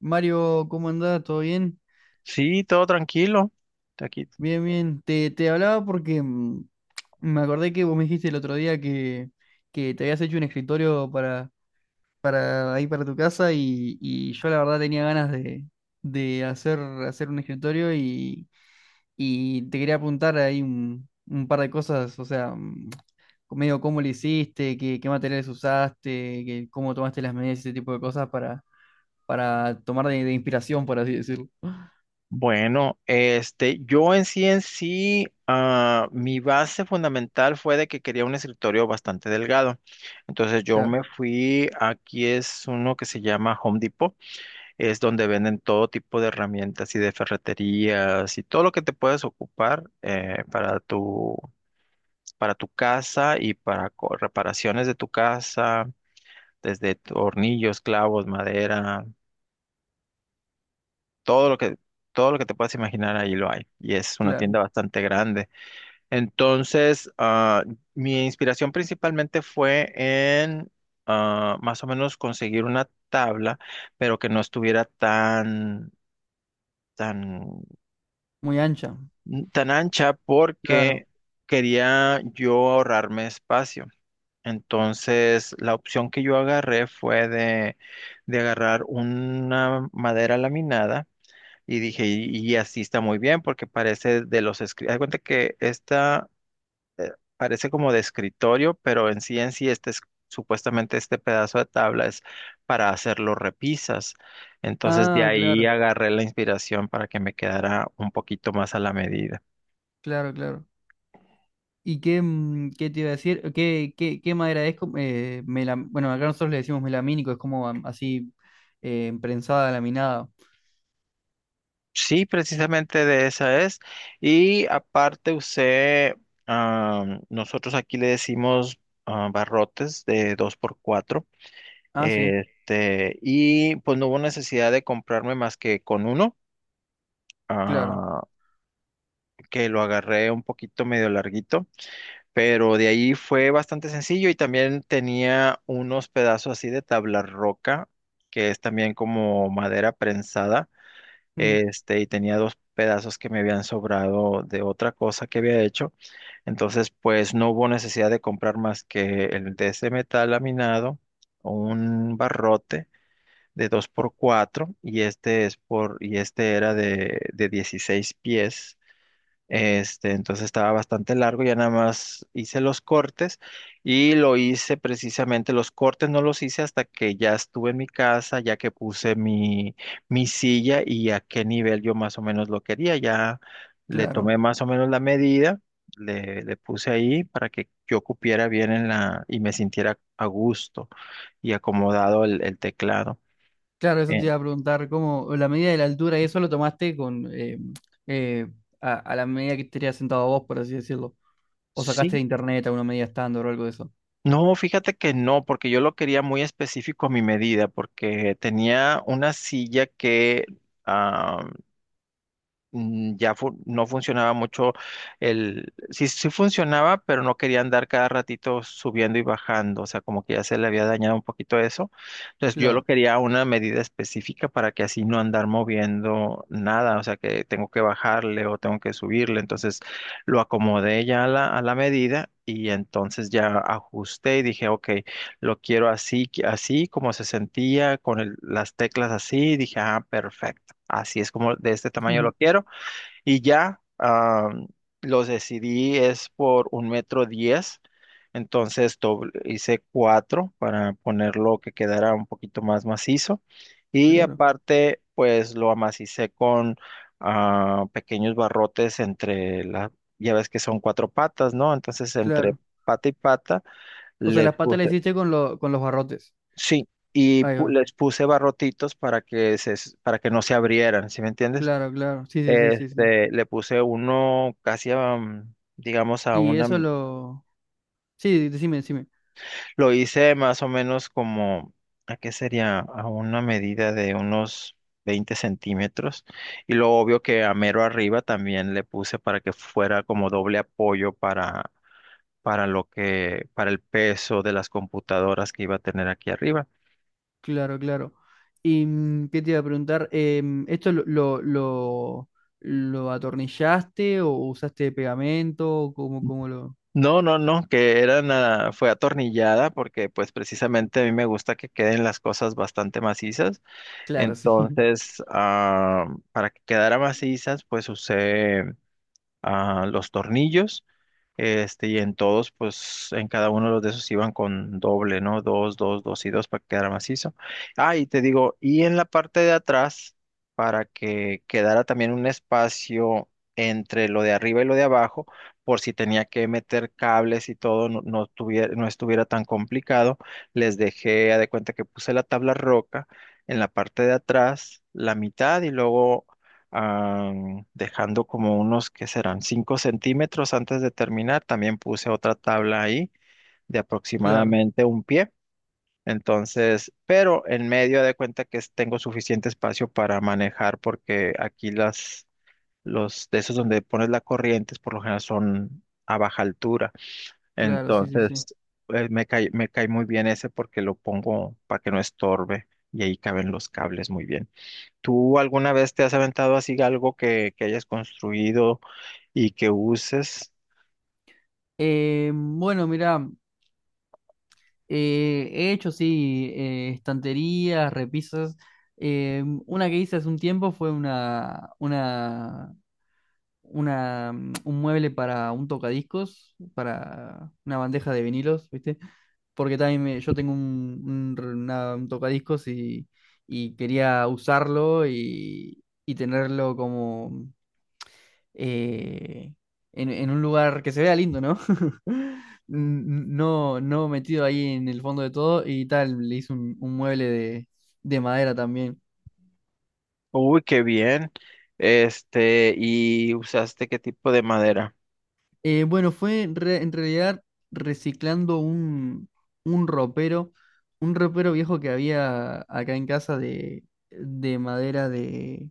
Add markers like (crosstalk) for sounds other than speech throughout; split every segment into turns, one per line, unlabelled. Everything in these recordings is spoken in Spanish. Mario, ¿cómo andás? ¿Todo bien?
Sí, todo tranquilo. Aquí.
Bien, bien. Te hablaba porque me acordé que vos me dijiste el otro día que te habías hecho un escritorio para ahí para tu casa y yo la verdad tenía ganas de hacer un escritorio y te quería apuntar ahí un par de cosas, o sea, medio cómo lo hiciste, qué materiales usaste, que, cómo tomaste las medidas, ese tipo de cosas para tomar de inspiración, por así decirlo.
Bueno, yo en sí, mi base fundamental fue de que quería un escritorio bastante delgado. Entonces yo
Claro,
me fui, aquí es uno que se llama Home Depot, es donde venden todo tipo de herramientas y de ferreterías y todo lo que te puedes ocupar para tu casa y para reparaciones de tu casa, desde tornillos, clavos, madera. todo lo que, todo lo que te puedas imaginar ahí lo hay. Y es una
claro.
tienda bastante grande. Entonces, mi inspiración principalmente fue en más o menos conseguir una tabla, pero que no estuviera tan,
Muy ancha,
tan ancha
claro.
porque quería yo ahorrarme espacio. Entonces, la opción que yo agarré fue de agarrar una madera laminada. Y dije, y así está muy bien porque parece de los escritorios. Hay cuenta que esta parece como de escritorio, pero en sí este es, supuestamente este pedazo de tabla es para hacer los repisas. Entonces de
Ah,
ahí
claro,
agarré la inspiración para que me quedara un poquito más a la medida.
claro, claro. ¿Y qué, qué te iba a decir? ¿Qué, qué, qué madera es? Como, melam- bueno, acá nosotros le decimos melamínico, es como am- así prensada, laminada.
Sí, precisamente de esa es. Y aparte usé, nosotros aquí le decimos barrotes de 2x4.
Ah, sí,
Y pues no hubo necesidad de comprarme más que con uno,
claro,
ah, que lo agarré un poquito medio larguito, pero de ahí fue bastante sencillo y también tenía unos pedazos así de tabla roca, que es también como madera prensada.
mm,
Y tenía dos pedazos que me habían sobrado de otra cosa que había hecho. Entonces, pues no hubo necesidad de comprar más que el de ese metal laminado, un barrote de 2x4 y este es por y este era de 16 pies. Entonces estaba bastante largo, ya nada más hice los cortes, y lo hice precisamente, los cortes no los hice hasta que ya estuve en mi casa, ya que puse mi silla, y a qué nivel yo más o menos lo quería, ya le tomé
claro.
más o menos la medida, le puse ahí para que yo cupiera bien en la y me sintiera a gusto y acomodado el teclado.
Claro, eso
eh,
te iba a preguntar, ¿cómo la medida de la altura y eso lo tomaste con eh, a la medida que estarías sentado vos, por así decirlo? ¿O sacaste de
Sí,
internet alguna medida estándar o algo de eso?
no, fíjate que no, porque yo lo quería muy específico a mi medida, porque tenía una silla que ah, no funcionaba mucho. Sí, sí funcionaba, pero no quería andar cada ratito subiendo y bajando, o sea, como que ya se le había dañado un poquito eso. Entonces yo lo
Claro,
quería a una medida específica para que así no andar moviendo nada, o sea, que tengo que bajarle o tengo que subirle. Entonces lo acomodé ya a a la medida. Y entonces ya ajusté y dije, ok, lo quiero así, así como se sentía, las teclas así. Dije, ah, perfecto. Así es como de este tamaño lo
(laughs)
quiero. Y ya los decidí es por 1,10 m, entonces hice cuatro para ponerlo que quedara un poquito más macizo. Y
claro,
aparte, pues lo amacicé con pequeños barrotes entre ya ves que son cuatro patas, ¿no? Entonces entre
claro.
pata y pata
O sea,
le
las patas las
puse,
hiciste con, lo- con los barrotes.
sí, y
Ahí va.
les puse barrotitos para que se, para que no se abrieran, ¿sí me entiendes?
Claro, claro. Sí, sí, sí, sí, sí.
Le puse uno casi a, digamos, a
Y
una,
eso lo... Sí, decime, decime.
lo hice más o menos como, ¿a qué sería? A una medida de unos 20 centímetros. Y lo obvio que a mero arriba también le puse para que fuera como doble apoyo para el peso de las computadoras que iba a tener aquí arriba.
Claro, claro. ¿Y qué te iba a preguntar? ¿Esto lo atornillaste o usaste pegamento? ¿Cómo, cómo lo...?
No, no, no, que era nada, fue atornillada porque pues precisamente a mí me gusta que queden las cosas bastante macizas.
Claro, sí. (laughs)
Entonces, para que quedara macizas, pues usé los tornillos. Y en todos, pues en cada uno de los de esos iban con doble, ¿no? Dos, dos, dos y dos para que quedara macizo. Ah, y te digo, y en la parte de atrás, para que quedara también un espacio entre lo de arriba y lo de abajo, por si tenía que meter cables y todo, no estuviera tan complicado, les dejé, haz de cuenta que puse la tabla roca en la parte de atrás, la mitad y luego, ah, dejando como unos que serán 5 centímetros antes de terminar. También puse otra tabla ahí de
Claro,
aproximadamente 1 pie. Entonces, pero en medio de cuenta que tengo suficiente espacio para manejar porque aquí los de esos donde pones la corriente por lo general son a baja altura.
claro, sí, sí, sí.
Entonces, me cae muy bien ese porque lo pongo para que no estorbe y ahí caben los cables muy bien. ¿Tú alguna vez te has aventado así algo que hayas construido y que uses?
Bueno, mira, he hecho, sí, estanterías, repisas. Una que hice hace un tiempo fue una, un mueble para un tocadiscos, para una bandeja de vinilos, ¿viste? Porque también me- yo tengo un r- una- un tocadiscos y quería usarlo y tenerlo como eh, en un lugar que se vea lindo, ¿no? (laughs) N- No, no metido ahí en el fondo de todo y tal, le hice un mueble de madera también.
Uy, qué bien. ¿Y usaste qué tipo de madera?
Bueno, fue en re- en realidad reciclando un ropero, un ropero viejo que había acá en casa de madera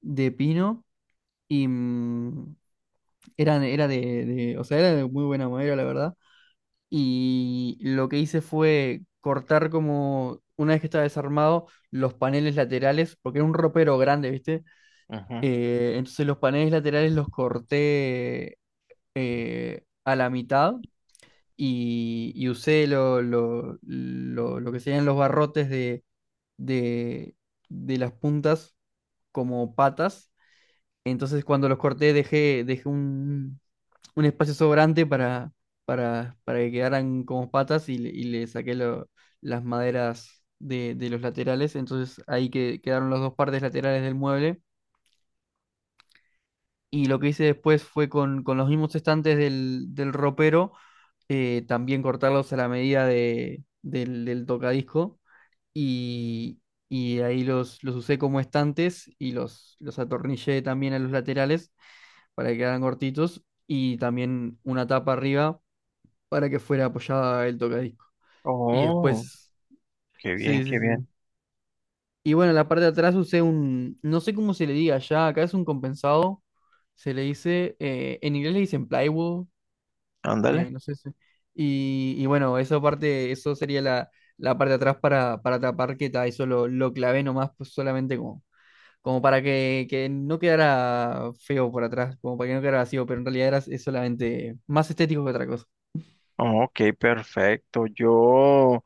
de pino y era, era de- o sea, era de muy buena madera, la verdad. Y lo que hice fue cortar como, una vez que estaba desarmado, los paneles laterales, porque era un ropero grande, ¿viste?
Ujú.
Entonces los paneles laterales los corté a la mitad y usé lo que serían los barrotes de de las puntas como patas. Entonces cuando los corté dejé, dejé un espacio sobrante para que quedaran como patas y le saqué lo- las maderas de los laterales. Entonces ahí que, quedaron las dos partes laterales del mueble. Y lo que hice después fue con los mismos estantes del ropero también cortarlos a la medida del tocadisco y, y ahí los usé como estantes y los atornillé también a los laterales para que quedaran cortitos y también una tapa arriba para que fuera apoyada el tocadisco. Y
Oh,
después,
qué bien,
sí, sí,
qué
sí.
bien.
Y bueno, en la parte de atrás usé un, no sé cómo se le diga allá, acá es un compensado, se le dice, en inglés le dicen plywood.
Ándale.
No sé si... Y, y bueno, eso parte, eso sería la, la parte de atrás para tapar que ta, eso lo clavé nomás, pues solamente como, como para que no quedara feo por atrás, como para que no quedara vacío, pero en realidad era, es solamente más estético que otra cosa.
Ok, perfecto. Yo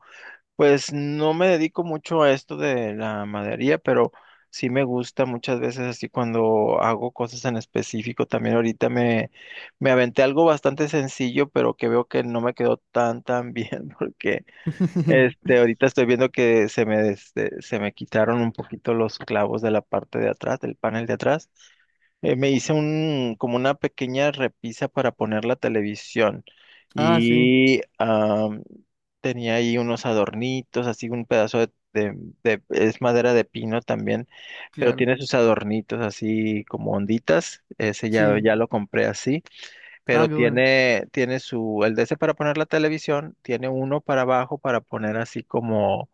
Pues no me dedico mucho a esto de la madería, pero sí me gusta muchas veces así cuando hago cosas en específico. También ahorita me aventé algo bastante sencillo, pero que veo que no me quedó tan tan bien, (laughs) porque
(laughs)
ahorita estoy viendo que se me quitaron un poquito los clavos de la parte de atrás, del panel de atrás. Me hice como una pequeña repisa para poner la televisión
Ah, sí,
y tenía ahí unos adornitos, así un pedazo es madera de pino también, pero
claro.
tiene sus adornitos así como onditas, ese ya,
Sí.
ya lo compré así,
Ah,
pero
qué bueno.
tiene su, el de ese para poner la televisión, tiene uno para abajo para poner así como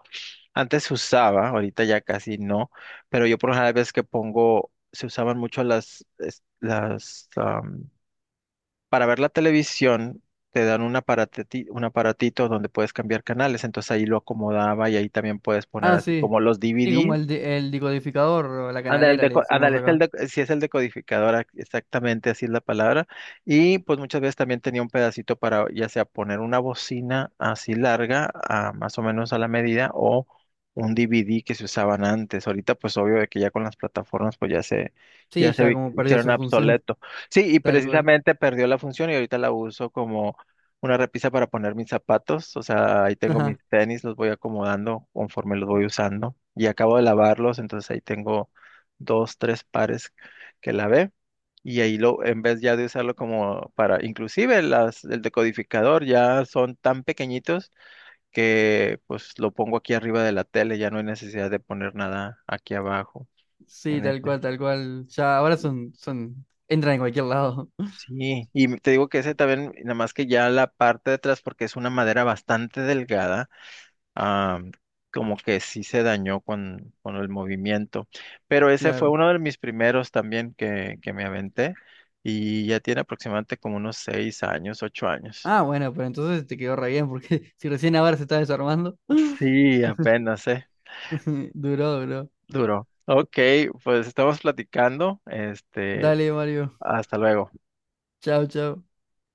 antes se usaba, ahorita ya casi no, pero yo por las veces que pongo, se usaban mucho las para ver la televisión, te dan un aparatito donde puedes cambiar canales, entonces ahí lo acomodaba y ahí también puedes poner
Ah,
así
sí.
como los
Sí, como
DVDs.
el, de- el decodificador o la
Ándale, el
canalera le
deco-
decimos
ándale, es el
acá.
deco- sí es el decodificador, exactamente así es la palabra. Y pues muchas veces también tenía un pedacito para ya sea poner una bocina así larga, más o menos a la medida, o un DVD que se usaban antes. Ahorita pues obvio de que ya con las plataformas pues
Sí, ya como perdió
hicieron
su función,
obsoleto. Sí, y
(laughs) tal cual.
precisamente perdió la función y ahorita la uso como una repisa para poner mis zapatos. O sea, ahí tengo mis
(laughs)
tenis, los voy acomodando conforme los voy usando. Y acabo de lavarlos, entonces ahí tengo dos, tres pares que la ve. Y ahí lo, en vez ya de usarlo como para, inclusive el decodificador ya son tan pequeñitos que pues lo pongo aquí arriba de la tele, ya no hay necesidad de poner nada aquí abajo
Sí,
en
tal
este.
cual, tal cual. Ya ahora son, son, entran en cualquier lado. (laughs)
Sí, y te digo que ese también, nada más que ya la parte de atrás, porque es una madera bastante delgada, ah, como que sí se dañó con el movimiento. Pero ese fue
Claro.
uno de mis primeros también que me aventé y ya tiene aproximadamente como unos 6 años, 8 años.
Ah, bueno, pero entonces te quedó re bien, porque (laughs) si recién ahora se está desarmando. (laughs)
Sí, apenas,
Duró, duró.
duró. Ok, pues estamos platicando.
Dale, Mario.
Hasta luego.
Chao, chao.